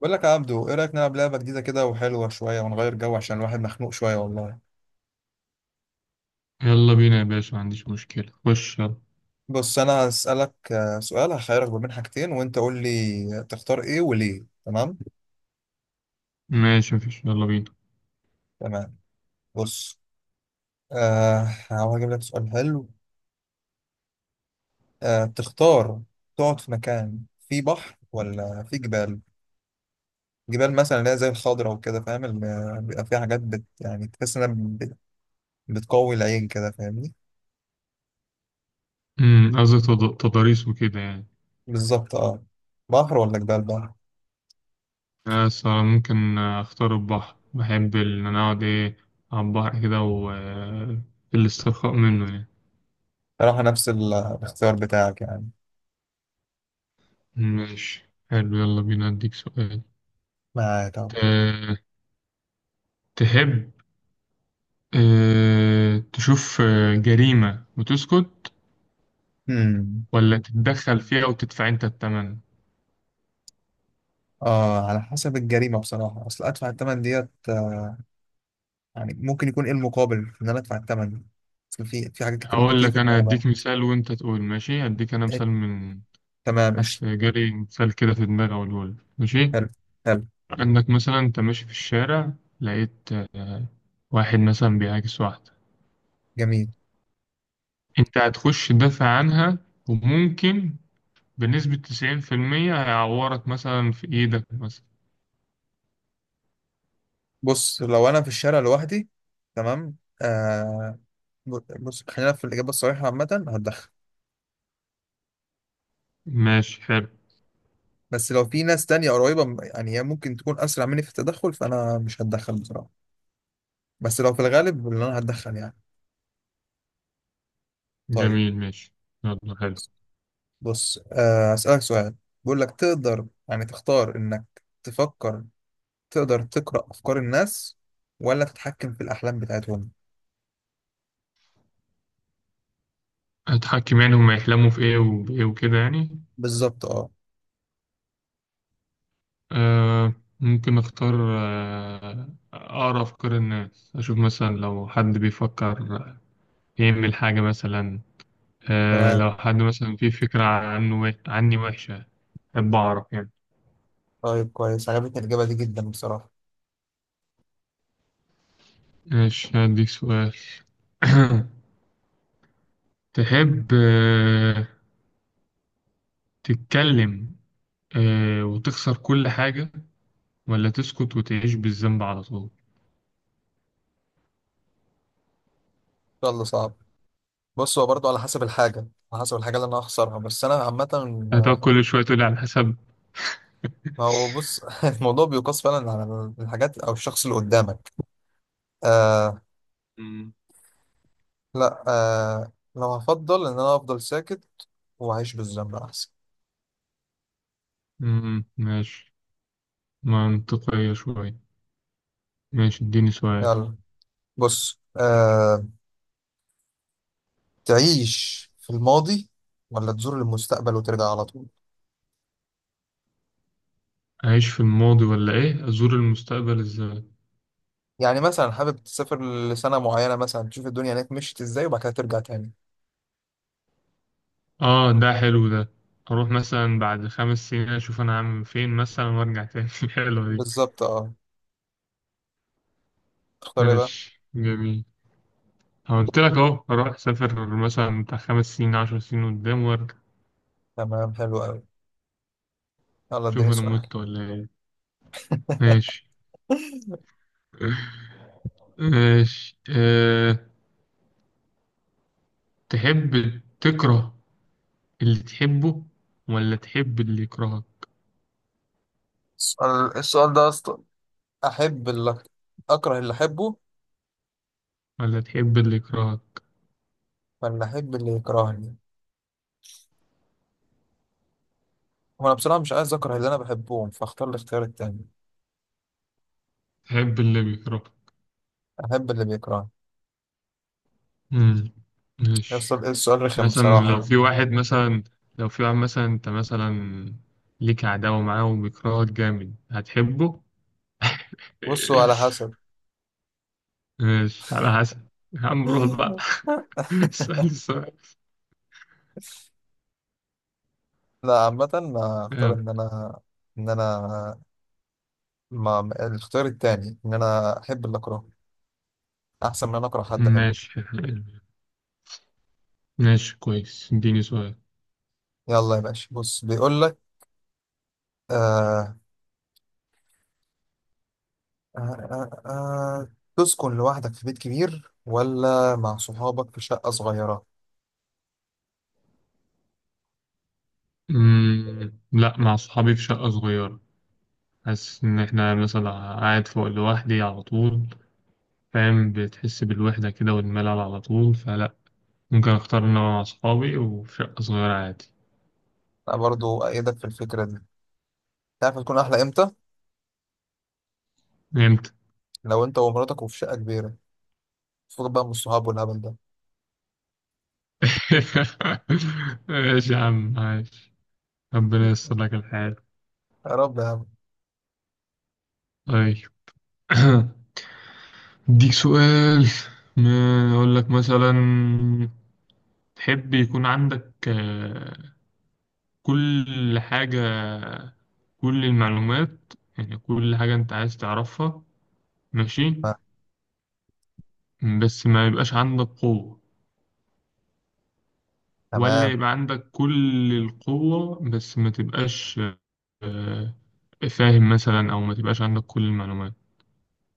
بقول لك يا عبدو، ايه رايك نلعب لعبه جديده كده وحلوه شويه ونغير جو عشان الواحد مخنوق شويه والله. يلا بينا يا باشا، ما عنديش مشكلة. خش يلا. بص انا هسالك سؤال، هخيرك ما بين حاجتين وانت قول لي تختار ايه وليه. تمام ماشي، مفيش، يلا بينا. تمام. بص، هحاول اجيب لك سؤال حلو. آه، تختار تقعد في مكان فيه بحر ولا فيه جبال. جبال مثلا اللي هي زي الخضره وكده، فاهم؟ اللي بيبقى فيها حاجات بت تحس انها بتقوي العين، كده فاهمني؟ قصدي تضاريس وكده يعني. بالظبط اه. بحر ولا جبال؟ بحر. بس ممكن اختار البحر. بحب ان انا اقعد ايه على البحر كده و الاسترخاء منه يعني. صراحه نفس الاختيار بتاعك يعني. ماشي حلو، يلا بينا اديك سؤال. ما ت- طب. تحب تشوف جريمة وتسكت امم، ولا تتدخل فيها وتدفع انت الثمن؟ اه على حسب الجريمه بصراحه، اصل ادفع الثمن ديت يعني ممكن يكون ايه المقابل في ان انا ادفع الثمن. اصل في حاجات كتير ممكن هقول تيجي في لك انا دماغنا. هديك مثال وانت تقول ماشي. هديك انا إيه، مثال من، تمام، حاسس مش جالي مثال كده في دماغي أقوله لك، ماشي. حلو. حلو. عندك مثلا أنت ماشي في الشارع، لقيت واحد مثلا بيعاكس واحدة، جميل. أنت هتخش تدافع عنها وممكن بنسبة 90% هيعورك مثلا في إيدك مثلا. بص لو انا في الشارع لوحدي، تمام، آه، بص خلينا في الاجابه الصريحه، عامه هتدخل. ماشي حلو. بس لو في ناس تانية قريبة يعني هي ممكن تكون أسرع مني في التدخل، فأنا مش هتدخل بصراحة. بس لو في الغالب اللي أنا هتدخل يعني. طيب. جميل ماشي. يلا حلو. بص، هسألك سؤال. بقول لك تقدر يعني تختار إنك تفكر، تقدر تقرأ أفكار الناس ولا تتحكم في الأحلام بتاعتهم؟ هتحكم يعني هما يحلموا في إيه وإيه وكده يعني؟ بالظبط اه. آه. ممكن أختار أقرأ أفكار الناس، أشوف مثلا لو حد بيفكر يعمل حاجة مثلا. آه تمام. لو حد مثلا فيه فكرة عنه عني وحشة، أحب أعرف يعني. طيب كويس، عجبتني الإجابة دي جدا بصراحة. ماشي، هديك سؤال. تحب آه تتكلم وتخسر كل حاجة، ولا تسكت وتعيش بالذنب على طول؟ يلا صعب. بص هو برضه على حسب الحاجة، على حسب الحاجة اللي أنا هخسرها، بس أنا عامة هتقعد كل شوية تقولي على حسب. ما هو بص الموضوع بيقاس فعلا على الحاجات أو الشخص اللي قدامك. آه. مم. لا آه، لو هفضل إن أنا أفضل ساكت وأعيش بالذنب أحسن. مم، ماشي، منطقية شوية. ماشي اديني سؤال. يلا. بص آه، تعيش في الماضي ولا تزور المستقبل وترجع على طول؟ أعيش في الماضي ولا إيه؟ أزور المستقبل إزاي؟ يعني مثلا حابب تسافر لسنة معينة مثلا، تشوف الدنيا هناك مشيت ازاي، وبعد كده ترجع تاني. اه ده حلو ده. اروح مثلا بعد 5 سنين اشوف انا عامل فين مثلا وارجع تاني. حلوة دي. بالظبط اه. تختار ايه بقى؟ ماشي جميل. قلت لك اهو، اروح اسافر مثلا بتاع 5 سنين 10 سنين قدام وارجع. تمام حلو قوي. يلا شوف اديني انا سؤال. مت ولا ايه. ماشي. ماشي. تحب تكره اللي تحبه، ولا تحب اللي يكرهك؟ السؤال، السؤال ده اصلا، احب اللي، اكره اللي احبه ولا تحب اللي يكرهك. ولا احب اللي يكرهني؟ وانا بصراحة مش عايز اكره اللي انا بحبهم، فاختار الاختيار التاني. تحب اللي بيكرهك. احب اللي بيكرهني. مم. ماشي. يوصل السؤال رخم مثلا لو بصراحة. في واحد مثلا، انت مثلا ليك عداوة معاه وبيكرهك جامد، هتحبه؟ بصوا على حسب. ماشي، على حسب. يا عم روح بقى. اسأل السؤال. لا عامة، ما اختار يلا. ان انا، ان انا، الاختيار التاني، ان انا احب اللي اكرهه احسن من ان انا اكره حد احبه. ماشي. ماشي كويس، اديني سؤال. يلا يا باشا، بص بيقول لك، آه آه آه آه، تسكن لوحدك في بيت كبير ولا مع صحابك في شقة صغيرة؟ مم. لا مع صحابي في شقة صغيرة. حاسس إن إحنا مثلا قاعد فوق لوحدي على طول، فاهم؟ بتحس بالوحدة كده والملل على طول، فلا، ممكن أختار إن أنا مع صحابي وفي شقة صغيرة عادي. انا برضو ايدك في الفكرة دي. تعرف تكون احلى امتى؟ إمتى؟ لو انت ومراتك وفي شقة كبيرة، فوق بقى من الصحاب والهبل ده. ماشي يا عم عايش، ربنا ييسر لك الحال. يا رب يا عم. طيب. اديك سؤال. ما اقول لك مثلا، تحب يكون عندك كل حاجة، كل المعلومات، يعني كل حاجة انت عايز تعرفها، ماشي، آه، بس ما يبقاش عندك قوة، ولا تمام. يبقى عندك كل القوة بس ما تبقاش آه، فاهم؟ مثلا او ما تبقاش عندك كل المعلومات.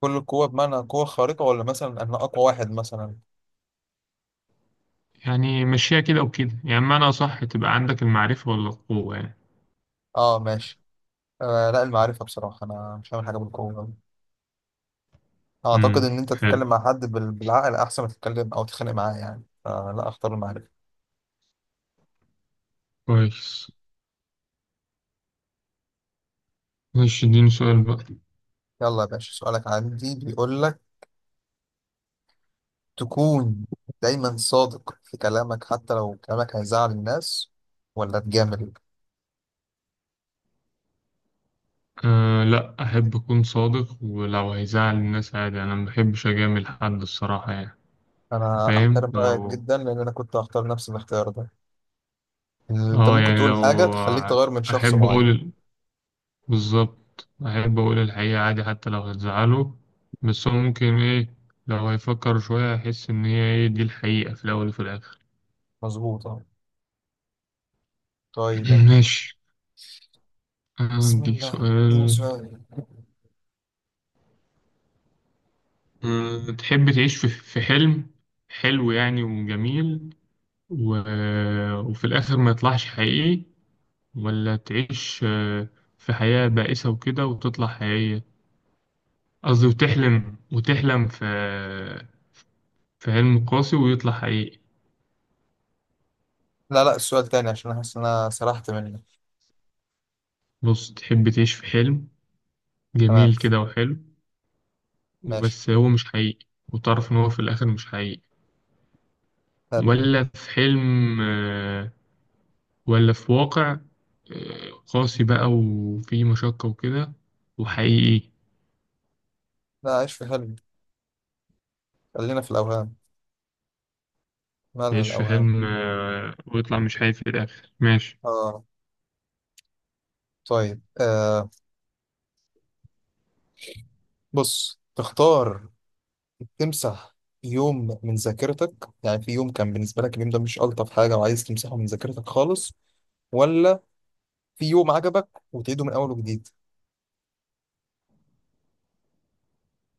كل القوة بمعنى قوة خارقة، ولا مثلا انا اقوى واحد مثلا؟ يعني مشيها كده وكده يعني، معنى صح تبقى عندك المعرفة ولا القوة يعني. اه ماشي. آه لا، المعرفة بصراحة. أنا مش هعمل حاجة بالقوة، أعتقد إن أنت حلو، تتكلم مع حد بالعقل أحسن ما تتكلم أو تتخانق معاه يعني، فلا أختار المعرفة. كويس. ماشي اديني سؤال بقى. يلا يا باشا، سؤالك عندي بيقول لك، تكون دايما صادق في كلامك حتى لو كلامك هيزعل الناس، ولا تجامل؟ أه لا، أحب أكون صادق ولو هيزعل الناس عادي، أنا ما بحبش أجامل حد الصراحة يعني. أنا فاهم؟ أحترم رأيك لو، جدا، لأن أنا كنت هختار نفس الاختيار ده. إن أنت اه ممكن يعني تقول حاجة لو، تخليك تغير من شخص أحب معين. أقول، بالظبط أحب أقول الحقيقة عادي حتى لو هتزعله. بس هو ممكن إيه، لو هيفكر شوية هيحس إن هي إيه دي الحقيقة، في الأول وفي الآخر. مظبوط أه. طيب يا باشا. ماشي، بسم عندي الله ده سؤال. سؤال. أه، تحب تعيش في حلم حلو يعني وجميل و... وفي الآخر ما يطلعش حقيقي، ولا تعيش في حياة بائسة وكده وتطلع حقيقية؟ قصدي وتحلم، وتحلم في في حلم قاسي ويطلع حقيقي. لا لا السؤال تاني، عشان أحس إن أنا سرحت منك. بص، تحب تعيش في حلم تمام. جميل كده وحلو، ماشي. وبس هو مش حقيقي، وتعرف إن هو في الآخر مش حقيقي، حلو. ولا في حلم ولا في واقع قاسي بقى وفيه مشقة وكده وحقيقي؟ لا عيش في حلو، خلينا في الأوهام، مالها يعيش في الأوهام. حلم ويطلع مش حقيقي في الآخر، ماشي. آه. طيب آه، بص تختار تمسح يوم من ذاكرتك، يعني في يوم كان بالنسبة لك اليوم ده مش ألطف حاجة وعايز تمسحه من ذاكرتك خالص، ولا في يوم عجبك وتعيده من أول وجديد؟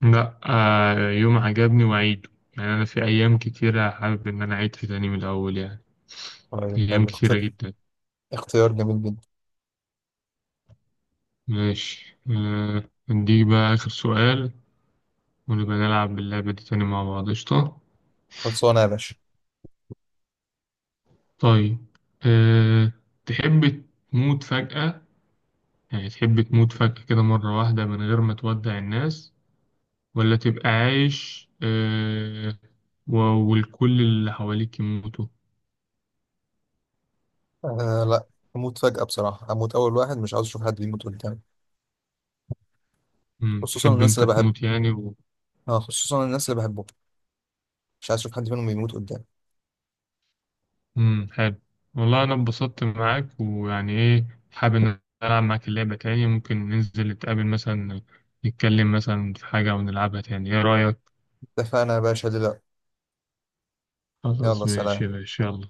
لأ يوم عجبني وأعيده، يعني أنا في أيام كتيرة حابب إن أنا أعيد في تاني من الأول يعني، طيب أيام حلو، كتيرة جدا. اختيار جميل جدا. ماشي نديك بقى آخر سؤال، ونبقى نلعب اللعبة دي تاني مع بعض، قشطة. خلصانة يا باشا. طيب. أه... تحب تموت فجأة، يعني تحب تموت فجأة كده مرة واحدة من غير ما تودع الناس، ولا تبقى عايش و- والكل اللي حواليك يموتوا؟ آه لا، أموت فجأة بصراحة، أموت أول واحد، مش عاوز أشوف حد بيموت قدامي. مم. خصوصا تحب الناس انت اللي بحب. تموت يعني آه خصوصا الناس اللي بحبهم، مش عايز أشوف حد منهم بيموت قدامي. مم. حلو. والله انا اتبسطت معاك، ويعني ايه، حابب ان العب معاك اللعبة تاني، ممكن ننزل نتقابل مثلا نتكلم مثلا في حاجة ونلعبها تاني، ايه رأيك؟ اتفقنا يا باشا دلوقتي. يلا خلاص ماشي سلام. يا باشا، يلا.